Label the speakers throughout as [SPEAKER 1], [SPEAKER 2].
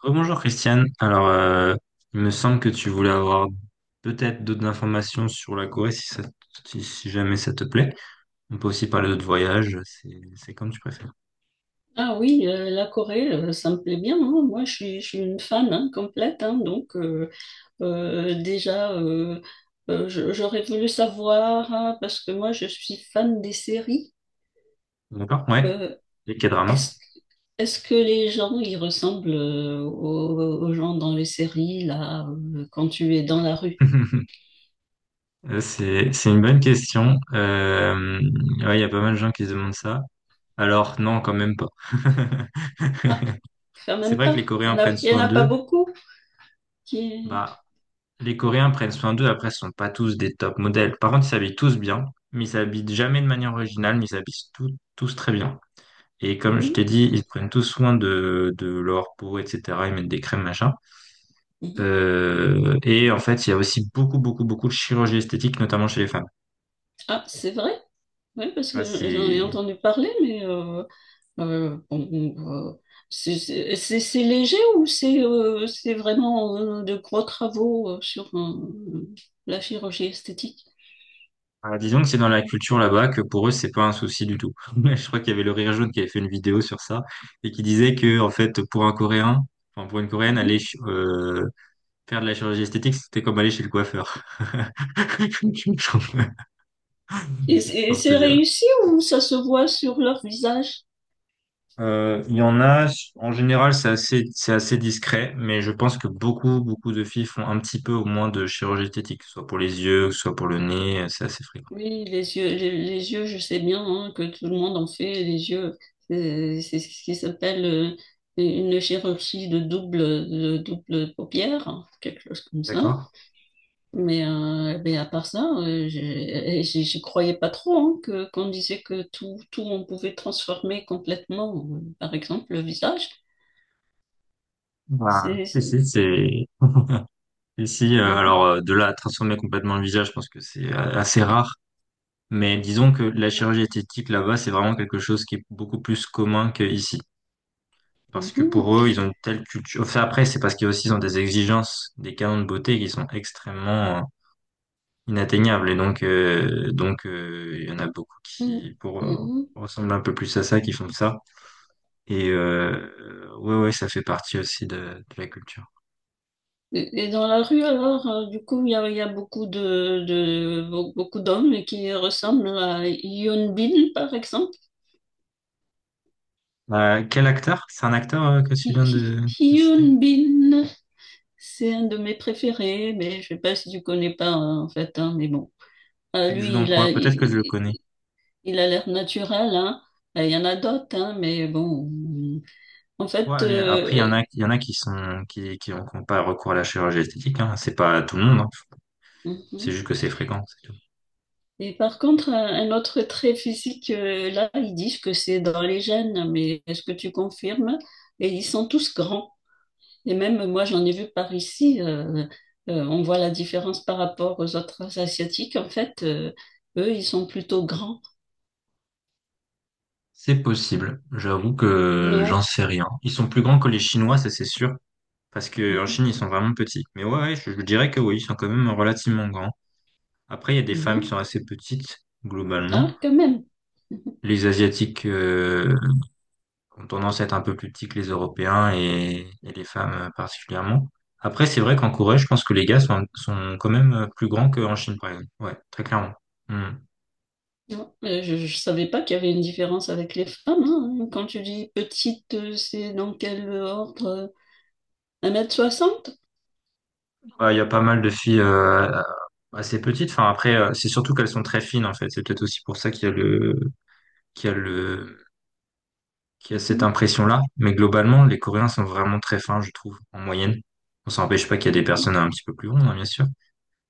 [SPEAKER 1] Rebonjour Christiane. Alors, il me semble que tu voulais avoir peut-être d'autres informations sur la Corée si jamais ça te plaît. On peut aussi parler d'autres voyages, c'est comme tu préfères.
[SPEAKER 2] Ah oui, la Corée, ça me plaît bien, hein. Moi, je suis une fan, hein, complète, hein. Donc, déjà, j'aurais voulu savoir, hein, parce que moi, je suis fan des séries.
[SPEAKER 1] D'accord? Ouais.
[SPEAKER 2] Euh,
[SPEAKER 1] Les quel drama?
[SPEAKER 2] est-ce, est-ce que les gens, ils ressemblent, aux gens dans les séries, là, quand tu es dans la rue?
[SPEAKER 1] C'est une bonne question. Ouais, il y a pas mal de gens qui se demandent ça. Alors, non, quand même pas.
[SPEAKER 2] Ah, quand
[SPEAKER 1] C'est
[SPEAKER 2] même
[SPEAKER 1] vrai que
[SPEAKER 2] pas.
[SPEAKER 1] les Coréens prennent
[SPEAKER 2] Il y en
[SPEAKER 1] soin
[SPEAKER 2] a pas
[SPEAKER 1] d'eux.
[SPEAKER 2] beaucoup qui...
[SPEAKER 1] Bah, les Coréens prennent soin d'eux, après, ce sont pas tous des top modèles. Par contre, ils s'habillent tous bien, mais ils s'habillent jamais de manière originale, mais ils s'habillent tous très bien. Et comme je t'ai
[SPEAKER 2] Mhm,
[SPEAKER 1] dit, ils prennent tous soin de leur peau, etc. Ils mettent des crèmes, machin.
[SPEAKER 2] mhm.
[SPEAKER 1] Et en fait, il y a aussi beaucoup, beaucoup, beaucoup de chirurgie esthétique, notamment chez les femmes.
[SPEAKER 2] Ah, c'est vrai? Oui, parce
[SPEAKER 1] Ça,
[SPEAKER 2] que j'en ai
[SPEAKER 1] c'est…
[SPEAKER 2] entendu parler, mais... bon, on, euh, c'est léger ou c'est vraiment, de gros travaux, sur, la chirurgie esthétique?
[SPEAKER 1] Ah, disons que c'est dans la culture là-bas que pour eux, c'est pas un souci du tout. Je crois qu'il y avait le Rire Jaune qui avait fait une vidéo sur ça et qui disait que, en fait, pour un Coréen, enfin, pour une Coréenne, aller
[SPEAKER 2] Mhm.
[SPEAKER 1] euh, faire de la chirurgie esthétique, c'était comme aller chez le coiffeur. C'est
[SPEAKER 2] Et
[SPEAKER 1] pour te
[SPEAKER 2] c'est
[SPEAKER 1] dire.
[SPEAKER 2] réussi ou ça se voit sur leur visage?
[SPEAKER 1] Il y en a, en général, c'est assez discret, mais je pense que beaucoup, beaucoup de filles font un petit peu au moins de chirurgie esthétique, que ce soit pour les yeux, que ce soit pour le nez, c'est assez fréquent.
[SPEAKER 2] Oui, les yeux, les yeux, je sais bien, hein, que tout le monde en fait les yeux. C'est ce qui s'appelle, une chirurgie de double paupière, hein, quelque chose comme ça.
[SPEAKER 1] D'accord?
[SPEAKER 2] Mais à part ça, j'y croyais pas trop, hein, que qu'on disait que tout, tout on pouvait transformer complètement, par exemple le visage.
[SPEAKER 1] Bah,
[SPEAKER 2] C'est, c'est-
[SPEAKER 1] si, c'est… Ici,
[SPEAKER 2] Mhm,
[SPEAKER 1] de là à transformer complètement le visage, je pense que c'est assez rare. Mais disons que la chirurgie esthétique là-bas, c'est vraiment quelque chose qui est beaucoup plus commun qu'ici. Parce que
[SPEAKER 2] mhm,
[SPEAKER 1] pour eux, ils ont une telle culture. Enfin, après, c'est parce qu'ils aussi ils ont des exigences, des canons de beauté qui sont extrêmement inatteignables. Et donc, il y en a beaucoup
[SPEAKER 2] mhm,
[SPEAKER 1] qui, pour
[SPEAKER 2] mhm.
[SPEAKER 1] ressembler un peu plus à ça, qui font ça. Et ouais, ouais, ça fait partie aussi de la culture.
[SPEAKER 2] Et dans la rue alors, du coup, il y a beaucoup beaucoup d'hommes qui ressemblent à Hyun Bin, par exemple.
[SPEAKER 1] Quel acteur? C'est un acteur que tu
[SPEAKER 2] Hy-
[SPEAKER 1] viens
[SPEAKER 2] Hy-
[SPEAKER 1] de citer?
[SPEAKER 2] Hyun Bin, c'est un de mes préférés, mais je sais pas si tu connais pas, hein, en fait, hein, mais bon.
[SPEAKER 1] Il joue
[SPEAKER 2] Lui,
[SPEAKER 1] dans quoi? Peut-être que je le connais.
[SPEAKER 2] il a l'air naturel, hein. Il y en a d'autres, hein, mais bon. En
[SPEAKER 1] Ouais,
[SPEAKER 2] fait,
[SPEAKER 1] allez, après, il y en a qui sont, qui ont qui ont pas recours à la chirurgie esthétique, hein. C'est pas tout le monde, hein.
[SPEAKER 2] mhm.
[SPEAKER 1] C'est juste que c'est fréquent, c'est tout.
[SPEAKER 2] Et par contre, un autre trait physique, là, ils disent que c'est dans les gènes, mais est-ce que tu confirmes? Et ils sont tous grands. Et même moi, j'en ai vu par ici. On voit la différence par rapport aux autres Asiatiques. En fait, eux, ils sont plutôt grands.
[SPEAKER 1] C'est possible. J'avoue que
[SPEAKER 2] Non.
[SPEAKER 1] j'en sais rien. Ils sont plus grands que les Chinois, ça c'est sûr. Parce que en
[SPEAKER 2] Mhm.
[SPEAKER 1] Chine, ils sont vraiment petits. Mais ouais, ouais, je dirais que oui, ils sont quand même relativement grands. Après, il y a des femmes qui
[SPEAKER 2] Mhm.
[SPEAKER 1] sont assez petites, globalement.
[SPEAKER 2] Ah, quand même.
[SPEAKER 1] Les Asiatiques ont tendance à être un peu plus petits que les Européens et les femmes particulièrement. Après, c'est vrai qu'en Corée, je pense que les gars sont quand même plus grands qu'en Chine, par exemple. Ouais, très clairement. Hmm.
[SPEAKER 2] Ouais, mais je ne savais pas qu'il y avait une différence avec les femmes, hein. Quand tu dis petite, c'est dans quel ordre? 1,60 m.
[SPEAKER 1] Bah, il y a pas mal de filles assez petites. Enfin, après, c'est surtout qu'elles sont très fines, en fait. C'est peut-être aussi pour ça qu'il y a le, qu'il y a cette
[SPEAKER 2] Mhm,
[SPEAKER 1] impression-là. Mais globalement, les Coréens sont vraiment très fins, je trouve, en moyenne. On s'empêche pas qu'il y a des
[SPEAKER 2] mhm,
[SPEAKER 1] personnes un petit peu plus grandes, hein, bien sûr.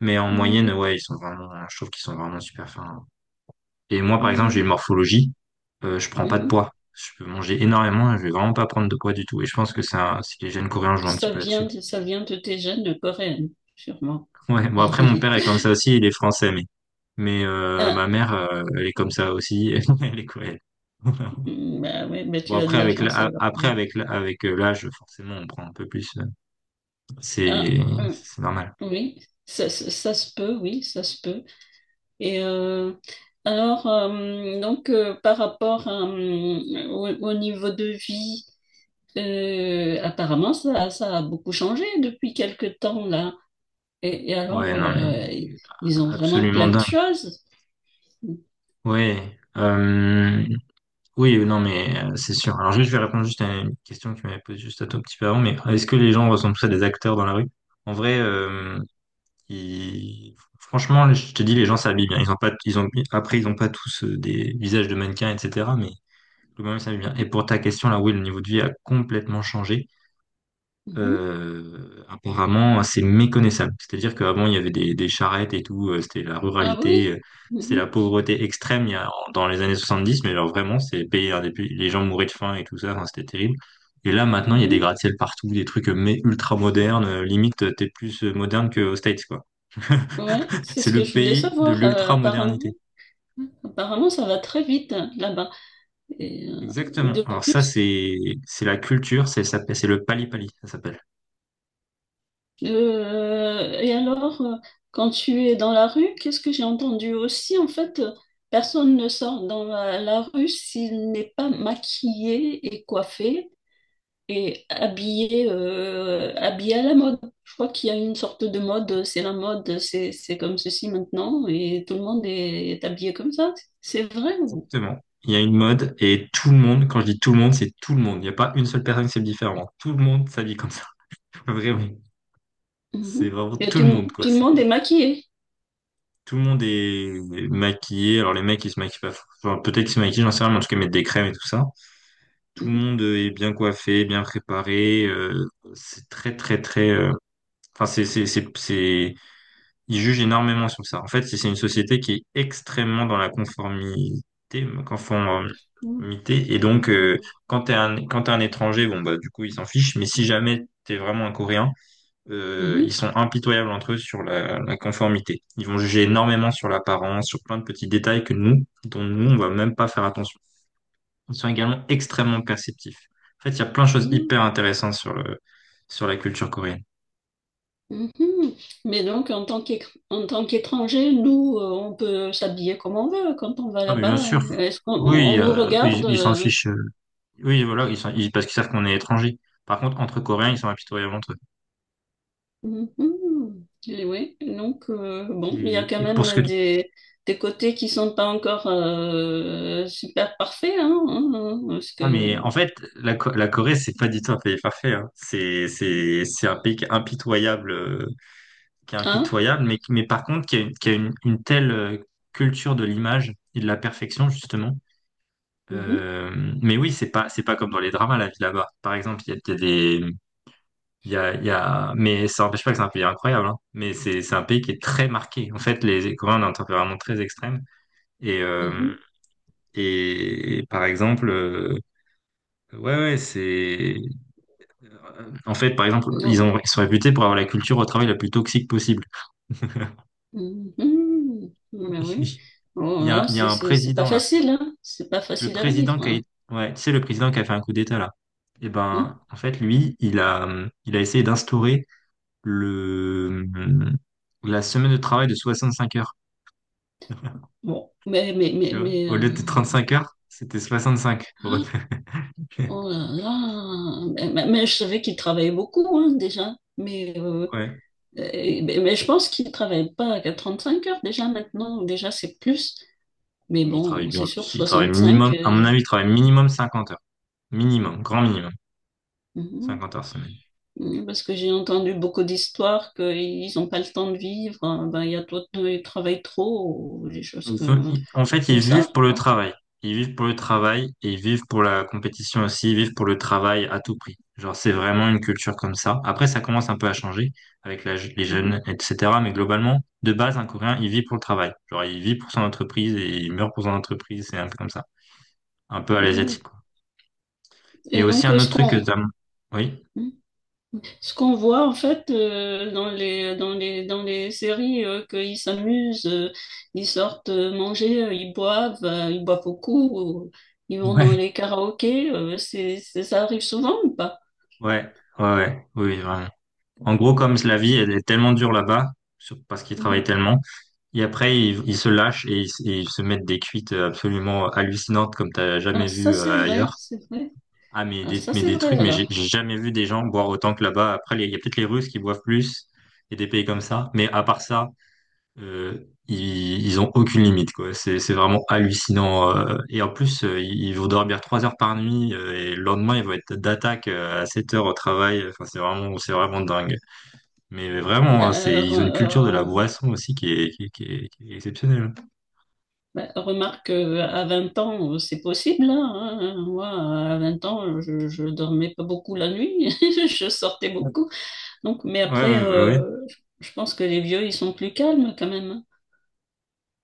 [SPEAKER 1] Mais en
[SPEAKER 2] mhm,
[SPEAKER 1] moyenne, ouais, ils sont vraiment, je trouve qu'ils sont vraiment super fins. Et moi, par exemple, j'ai une
[SPEAKER 2] mhm,
[SPEAKER 1] morphologie, je prends pas de
[SPEAKER 2] mhm.
[SPEAKER 1] poids. Je peux manger énormément et je vais vraiment pas prendre de poids du tout. Et je pense que c'est que les jeunes coréens jouent un petit
[SPEAKER 2] Ça
[SPEAKER 1] peu
[SPEAKER 2] vient
[SPEAKER 1] là-dessus.
[SPEAKER 2] de, ça vient de tes gènes coréennes, sûrement.
[SPEAKER 1] Ouais, bon après, mon père est comme ça aussi, il est français, mais ma
[SPEAKER 2] Ah,
[SPEAKER 1] mère, elle est comme ça aussi, elle est coréenne.
[SPEAKER 2] mm, bah ouais, bah tu
[SPEAKER 1] Bon,
[SPEAKER 2] as de
[SPEAKER 1] après,
[SPEAKER 2] la
[SPEAKER 1] avec
[SPEAKER 2] chance
[SPEAKER 1] l'a-
[SPEAKER 2] alors.
[SPEAKER 1] après,
[SPEAKER 2] Mm.
[SPEAKER 1] avec l'a- avec euh, l'âge, forcément, on prend un peu plus.
[SPEAKER 2] Ah,
[SPEAKER 1] C'est,
[SPEAKER 2] mm,
[SPEAKER 1] c'est normal.
[SPEAKER 2] oui, ça se peut, oui, ça se peut. Et alors, donc, par rapport à, au niveau de vie, apparemment, ça a beaucoup changé depuis quelque temps là. Et
[SPEAKER 1] Ouais,
[SPEAKER 2] alors,
[SPEAKER 1] non, mais
[SPEAKER 2] ils ont vraiment
[SPEAKER 1] absolument
[SPEAKER 2] plein de
[SPEAKER 1] dingue.
[SPEAKER 2] choses.
[SPEAKER 1] Ouais. Oui, non, mais c'est sûr. Alors juste, je vais répondre juste à une question que tu m'avais posée juste un tout petit peu avant, mais est-ce que les gens ressemblent tous à des acteurs dans la rue? En vrai, franchement, je te dis, les gens s'habillent bien. Ils ont, après, ils ont pas tous des visages de mannequins, etc. Mais globalement, ils s'habillent bien. Et
[SPEAKER 2] Mhm,
[SPEAKER 1] pour ta question, là, oui, le niveau de vie a complètement changé,
[SPEAKER 2] mhm.
[SPEAKER 1] apparemment assez méconnaissable. C'est-à-dire qu'avant, il y avait des charrettes et tout, c'était la
[SPEAKER 2] Ah
[SPEAKER 1] ruralité,
[SPEAKER 2] oui.
[SPEAKER 1] c'était la
[SPEAKER 2] Mhm,
[SPEAKER 1] pauvreté extrême il y a, en- dans les années 70, mais alors vraiment, c'est payé un des pays- les gens mouraient de faim et tout ça, enfin, c'était terrible. Et là, maintenant, il y a des
[SPEAKER 2] mhm.
[SPEAKER 1] gratte-ciel partout, des trucs mais ultra modernes, limite, t'es plus moderne qu'aux States, quoi.
[SPEAKER 2] Ouais, c'est
[SPEAKER 1] C'est
[SPEAKER 2] ce que
[SPEAKER 1] le
[SPEAKER 2] je voulais
[SPEAKER 1] pays de
[SPEAKER 2] savoir. Apparemment,
[SPEAKER 1] l'ultra-modernité.
[SPEAKER 2] apparemment, ça va très vite, hein, là-bas. Et
[SPEAKER 1] Exactement.
[SPEAKER 2] de
[SPEAKER 1] Alors ça,
[SPEAKER 2] plus,
[SPEAKER 1] c'est la culture, c'est ça, c'est le pali-pali, ça s'appelle.
[SPEAKER 2] euh, et alors, euh, quand tu es dans la rue, qu'est-ce que j'ai entendu aussi? En fait, personne ne sort dans la rue s'il n'est pas maquillé et coiffé. Et habillé à la mode. Je crois qu'il y a une sorte de mode, c'est la mode, c'est comme ceci maintenant, et tout le monde est habillé comme ça. C'est vrai.
[SPEAKER 1] Exactement. Il y a une mode et tout le monde, quand je dis tout le monde, c'est tout le monde. Il n'y a pas une seule personne qui s'habille différemment. Tout le monde s'habille comme ça. Vraiment. C'est
[SPEAKER 2] Mhm.
[SPEAKER 1] vraiment tout le monde, quoi.
[SPEAKER 2] Tout le
[SPEAKER 1] C'est,
[SPEAKER 2] monde est maquillé.
[SPEAKER 1] tout le monde est maquillé. Alors les mecs, ils se maquillent pas. Enfin, peut-être qu'ils se maquillent, j'en sais rien, mais en tout cas, ils mettent des crèmes et tout ça. Tout le
[SPEAKER 2] Mhm.
[SPEAKER 1] monde est bien coiffé, bien préparé. C'est très, très, très… c'est… Ils jugent énormément sur ça. En fait, c'est une société qui est extrêmement dans la conformité,
[SPEAKER 2] Tout
[SPEAKER 1] conformité. Et donc, quand quand t'es un étranger, bon, bah, du coup, ils s'en fichent. Mais si jamais t'es vraiment un Coréen, ils
[SPEAKER 2] Mhm.
[SPEAKER 1] sont impitoyables entre eux sur la conformité. Ils vont juger énormément sur l'apparence, sur plein de petits détails que nous, dont nous, on va même pas faire attention. Ils sont également extrêmement perceptifs. En fait, il y a plein de choses
[SPEAKER 2] Mhm.
[SPEAKER 1] hyper intéressantes sur le, sur la culture coréenne.
[SPEAKER 2] Mhm. Mais donc, en tant qu'étranger, nous, on peut s'habiller comme on veut quand on va
[SPEAKER 1] Ah, mais bien
[SPEAKER 2] là-bas.
[SPEAKER 1] sûr.
[SPEAKER 2] Est-ce qu'on on
[SPEAKER 1] Oui,
[SPEAKER 2] nous regarde?
[SPEAKER 1] ils s'en fichent. Oui, voilà, parce qu'ils savent qu'on est étranger. Par contre, entre Coréens, ils sont impitoyables entre eux.
[SPEAKER 2] Mhm. Et oui, donc bon, il y a quand
[SPEAKER 1] Et pour ce que
[SPEAKER 2] même
[SPEAKER 1] tu…
[SPEAKER 2] des, côtés qui sont pas encore, super parfaits, hein, hein, hein, parce
[SPEAKER 1] Ah, mais
[SPEAKER 2] que
[SPEAKER 1] en fait, la Corée, c'est pas du tout un pays parfait. Hein. C'est un pays qui est
[SPEAKER 2] hein,
[SPEAKER 1] impitoyable, mais par contre, qui a une telle culture de l'image et de la perfection, justement.
[SPEAKER 2] mhm,
[SPEAKER 1] Euh, mais oui, c'est pas comme dans les dramas, la vie là-bas. Par exemple, il y a des… il y a… Mais ça n'empêche pas que c'est un pays incroyable. Hein. Mais c'est un pays qui est très marqué. En fait, les Coréens ont un tempérament très extrême. Et, euh,
[SPEAKER 2] mhm.
[SPEAKER 1] et par exemple, ouais, ouais, c'est. En fait, par exemple,
[SPEAKER 2] Non,
[SPEAKER 1] ils sont réputés pour avoir la culture au travail la plus toxique possible.
[SPEAKER 2] mhm. Mais oui,
[SPEAKER 1] Il
[SPEAKER 2] bon, alors
[SPEAKER 1] il y a
[SPEAKER 2] c'est
[SPEAKER 1] un
[SPEAKER 2] c'est c'est pas
[SPEAKER 1] président là.
[SPEAKER 2] facile, hein, c'est pas
[SPEAKER 1] Le
[SPEAKER 2] facile à
[SPEAKER 1] président
[SPEAKER 2] vivre, hein.
[SPEAKER 1] qui a, ouais, tu sais, le président qui a fait un coup d'État là. Et
[SPEAKER 2] Hmm.
[SPEAKER 1] ben, en fait, lui, il a essayé d'instaurer le, la semaine de travail de 65 heures.
[SPEAKER 2] Bon,
[SPEAKER 1] Tu vois, au lieu de 35 heures, c'était 65.
[SPEAKER 2] oh là là, mais je savais qu'il travaillait beaucoup, hein, déjà,
[SPEAKER 1] Ouais.
[SPEAKER 2] Mais je pense qu'ils ne travaillent pas à 35 heures déjà maintenant, déjà c'est plus. Mais
[SPEAKER 1] Mais il travaille
[SPEAKER 2] bon,
[SPEAKER 1] bien
[SPEAKER 2] c'est sûr,
[SPEAKER 1] plus. Il travaille
[SPEAKER 2] 65,
[SPEAKER 1] minimum, à mon avis, il travaille minimum 50 heures. Minimum, grand minimum.
[SPEAKER 2] mhm,
[SPEAKER 1] 50 heures semaine.
[SPEAKER 2] mhm, parce que j'ai entendu beaucoup d'histoires qu'ils n'ont pas le temps de vivre, hein, ben, il y a trop, ils travaillent trop, ou
[SPEAKER 1] En fait, ils
[SPEAKER 2] comme
[SPEAKER 1] vivent
[SPEAKER 2] ça,
[SPEAKER 1] pour le
[SPEAKER 2] quoi.
[SPEAKER 1] travail. Ils vivent pour le travail et ils vivent pour la compétition aussi. Ils vivent pour le travail à tout prix. Genre, c'est vraiment une culture comme ça. Après, ça commence un peu à changer avec les
[SPEAKER 2] Mhm,
[SPEAKER 1] jeunes, etc. Mais globalement, de base, un Coréen, il vit pour le travail. Genre, il vit pour son entreprise et il meurt pour son entreprise. C'est un peu comme ça. Un peu à
[SPEAKER 2] mhm.
[SPEAKER 1] l'asiatique, quoi. Et
[SPEAKER 2] Et
[SPEAKER 1] aussi,
[SPEAKER 2] donc,
[SPEAKER 1] un
[SPEAKER 2] ce
[SPEAKER 1] autre truc que
[SPEAKER 2] qu'on...
[SPEAKER 1] t'as… Oui?
[SPEAKER 2] mhm. Ce qu'on voit en fait, dans les séries, qu'ils s'amusent, ils sortent, manger, ils boivent beaucoup, ou ils vont dans
[SPEAKER 1] Ouais.
[SPEAKER 2] les karaokés, ça arrive souvent ou pas?
[SPEAKER 1] Ouais. Ouais, ouais. Oui, vraiment. En gros, comme la vie, elle est tellement dure là-bas, sur- parce qu'ils travaillent
[SPEAKER 2] Mhm.
[SPEAKER 1] tellement, et après, ils se lâchent et ils se mettent des cuites absolument hallucinantes comme t'as
[SPEAKER 2] Ah,
[SPEAKER 1] jamais
[SPEAKER 2] ça
[SPEAKER 1] vu
[SPEAKER 2] c'est vrai,
[SPEAKER 1] ailleurs.
[SPEAKER 2] c'est vrai.
[SPEAKER 1] Ah, mais
[SPEAKER 2] Ah, ça c'est
[SPEAKER 1] des trucs,
[SPEAKER 2] vrai
[SPEAKER 1] mais
[SPEAKER 2] alors.
[SPEAKER 1] j'ai jamais vu des gens boire autant que là-bas. Après, il y a peut-être les Russes qui boivent plus et des pays comme ça, mais à part ça, euh, ils ont aucune limite, quoi. C'est vraiment hallucinant. Et en plus, ils vont dormir trois heures par nuit, et le lendemain, ils vont être d'attaque, à 7 heures au travail. Enfin, c'est vraiment dingue. Mais vraiment,
[SPEAKER 2] Bah,
[SPEAKER 1] hein, c'est,
[SPEAKER 2] euh, re-
[SPEAKER 1] ils ont une culture de la
[SPEAKER 2] euh,
[SPEAKER 1] boisson aussi qui est exceptionnelle.
[SPEAKER 2] bah, remarque, à 20 ans, c'est possible, hein, hein, hein. Moi, à 20 ans, je dormais pas beaucoup la nuit, je sortais
[SPEAKER 1] Ouais,
[SPEAKER 2] beaucoup. Donc, mais
[SPEAKER 1] ouais,
[SPEAKER 2] après,
[SPEAKER 1] ouais. Ouais.
[SPEAKER 2] je pense que les vieux, ils sont plus calmes quand même, hein.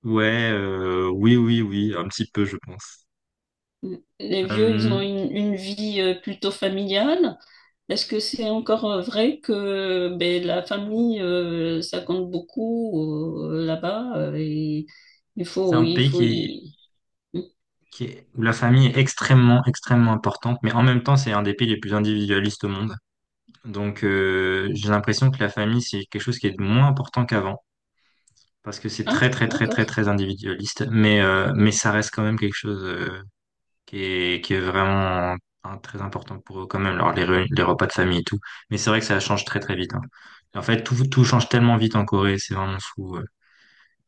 [SPEAKER 1] Ouais, oui, oui, oui, un petit peu, je pense.
[SPEAKER 2] Les vieux, ils
[SPEAKER 1] Euh,
[SPEAKER 2] ont une vie, plutôt familiale. Est-ce que c'est encore, vrai que ben, la famille, ça compte beaucoup, là-bas, et il
[SPEAKER 1] c'est
[SPEAKER 2] faut,
[SPEAKER 1] un
[SPEAKER 2] il
[SPEAKER 1] pays
[SPEAKER 2] faut y... Hmm.
[SPEAKER 1] où la famille est extrêmement, extrêmement importante, mais en même temps, c'est un des pays les plus individualistes au monde. Donc, j'ai l'impression que la famille, c'est quelque chose qui est moins important qu'avant, parce que c'est
[SPEAKER 2] Ah,
[SPEAKER 1] très, très, très, très,
[SPEAKER 2] d'accord.
[SPEAKER 1] très individualiste, mais ça reste quand même quelque chose. Qui est vraiment très important pour eux quand même, alors les repas de famille et tout. Mais c'est vrai que ça change très très vite, hein. En fait, tout change tellement vite en Corée, c'est vraiment fou, ouais.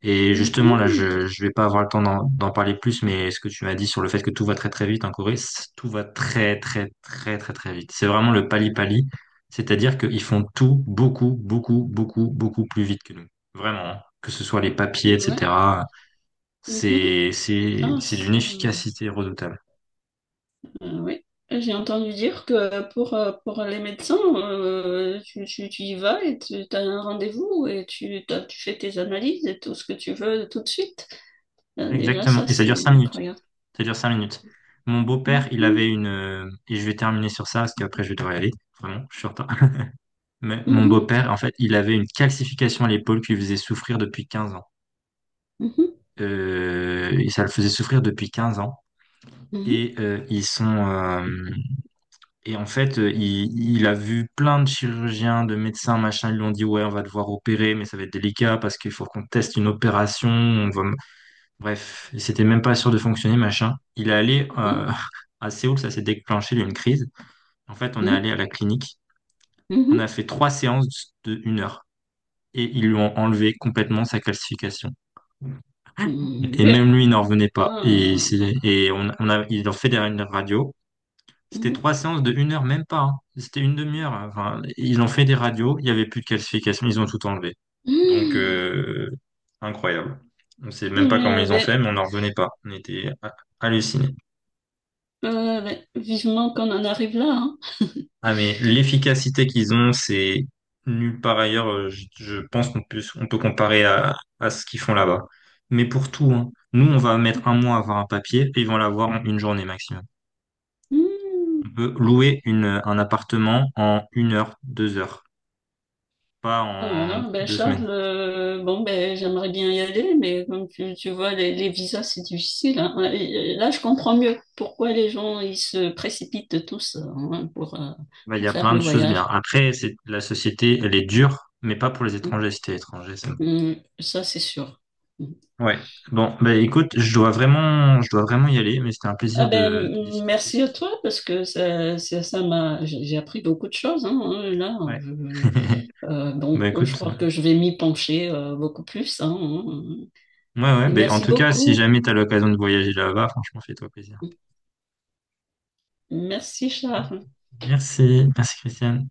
[SPEAKER 1] Et justement, là,
[SPEAKER 2] Mhm.
[SPEAKER 1] je vais pas avoir le temps d'en parler plus, mais ce que tu m'as dit sur le fait que tout va très très vite en Corée, tout va très très très très très vite. C'est vraiment le pali-pali, c'est-à-dire qu'ils font tout beaucoup, beaucoup, beaucoup, beaucoup plus vite que nous. Vraiment, hein. Que ce soit les papiers,
[SPEAKER 2] Ouais.
[SPEAKER 1] etc.
[SPEAKER 2] Mhm. Ah,
[SPEAKER 1] C'est d'une
[SPEAKER 2] ça...
[SPEAKER 1] efficacité redoutable.
[SPEAKER 2] Oui, j'ai entendu dire que pour les médecins, tu y vas et tu as un rendez-vous et tu fais tes analyses et tout ce que tu veux tout de suite. Déjà,
[SPEAKER 1] Exactement.
[SPEAKER 2] ça,
[SPEAKER 1] Et ça dure
[SPEAKER 2] c'est
[SPEAKER 1] cinq minutes.
[SPEAKER 2] incroyable.
[SPEAKER 1] Ça dure cinq minutes. Mon beau-père, il avait
[SPEAKER 2] Mhm,
[SPEAKER 1] une... Et je vais terminer sur ça, parce qu'après, je vais devoir y aller. Vraiment, je suis en retard. Mais mon
[SPEAKER 2] mhm,
[SPEAKER 1] beau-père, en fait, il avait une calcification à l'épaule qui lui faisait souffrir depuis 15 ans.
[SPEAKER 2] mhm,
[SPEAKER 1] Et ça le faisait souffrir depuis 15 ans.
[SPEAKER 2] mhm,
[SPEAKER 1] Et euh, ils sont... euh, Et en fait, il a vu plein de chirurgiens, de médecins, machin. Ils lui ont dit, ouais, on va devoir opérer, mais ça va être délicat parce qu'il faut qu'on teste une opération. On va... Bref, il s'était même pas sûr de fonctionner, machin. Il est allé à Séoul, ça s'est déclenché, il y a eu une crise. En fait, on est
[SPEAKER 2] mhm,
[SPEAKER 1] allé à la clinique.
[SPEAKER 2] mhm,
[SPEAKER 1] On a
[SPEAKER 2] mhm.
[SPEAKER 1] fait trois séances de une heure et ils lui ont enlevé complètement sa calcification.
[SPEAKER 2] Mm.
[SPEAKER 1] Et
[SPEAKER 2] Bien.
[SPEAKER 1] même lui, il n'en revenait pas. Et,
[SPEAKER 2] Ah,
[SPEAKER 1] et on a, ils l'ont fait derrière une radio. C'était
[SPEAKER 2] mhm.
[SPEAKER 1] trois séances de une heure, même pas, hein. C'était une demi-heure, hein. Enfin, ils ont fait des radios. Il n'y avait plus de calcification. Ils ont tout enlevé. Donc,
[SPEAKER 2] Mm.
[SPEAKER 1] incroyable. On ne sait
[SPEAKER 2] Ouais.
[SPEAKER 1] même pas comment
[SPEAKER 2] Mmh, mmh.
[SPEAKER 1] ils ont
[SPEAKER 2] Ouais,
[SPEAKER 1] fait, mais on n'en revenait pas. On était hallucinés.
[SPEAKER 2] ouais, ouais, ouais. Vivement qu'on en arrive là, hein.
[SPEAKER 1] Ah mais l'efficacité qu'ils ont, c'est nulle part ailleurs. Je pense qu'on peut, on peut comparer à ce qu'ils font là-bas. Mais pour tout, hein. Nous, on va mettre un mois à avoir un papier et ils vont l'avoir en une journée maximum.
[SPEAKER 2] Mm.
[SPEAKER 1] On peut louer un appartement en une heure, deux heures, pas
[SPEAKER 2] Oh là
[SPEAKER 1] en
[SPEAKER 2] là, ben
[SPEAKER 1] deux semaines.
[SPEAKER 2] Charles, bon ben j'aimerais bien y aller, mais comme tu vois, les visas c'est difficile, hein. Et là, je comprends mieux pourquoi les gens ils se précipitent tous, hein, pour euh,
[SPEAKER 1] Bah, il y
[SPEAKER 2] pour
[SPEAKER 1] a
[SPEAKER 2] faire
[SPEAKER 1] plein
[SPEAKER 2] le
[SPEAKER 1] de choses bien.
[SPEAKER 2] voyage.
[SPEAKER 1] Après, c'est, la société, elle est dure, mais pas pour les
[SPEAKER 2] Hum,
[SPEAKER 1] étrangers. Si t'es étranger, c'est bon.
[SPEAKER 2] ça c'est sûr. Hum.
[SPEAKER 1] Ouais. Bon, bah, écoute, je dois vraiment y aller, mais c'était un
[SPEAKER 2] Ah
[SPEAKER 1] plaisir
[SPEAKER 2] ben,
[SPEAKER 1] de discuter
[SPEAKER 2] merci
[SPEAKER 1] sur
[SPEAKER 2] à
[SPEAKER 1] ça.
[SPEAKER 2] toi parce que ça ça ça m'a j'ai appris beaucoup de choses, hein, hein, là.
[SPEAKER 1] Ouais. Bah
[SPEAKER 2] Bon, je
[SPEAKER 1] écoute,
[SPEAKER 2] crois que je vais m'y pencher, beaucoup plus, hein, hein.
[SPEAKER 1] ouais, ouais,
[SPEAKER 2] Et
[SPEAKER 1] bah, en
[SPEAKER 2] merci
[SPEAKER 1] tout cas, si
[SPEAKER 2] beaucoup.
[SPEAKER 1] jamais tu as l'occasion de voyager là-bas, franchement, fais-toi plaisir.
[SPEAKER 2] Merci Charles.
[SPEAKER 1] Merci, merci Christiane.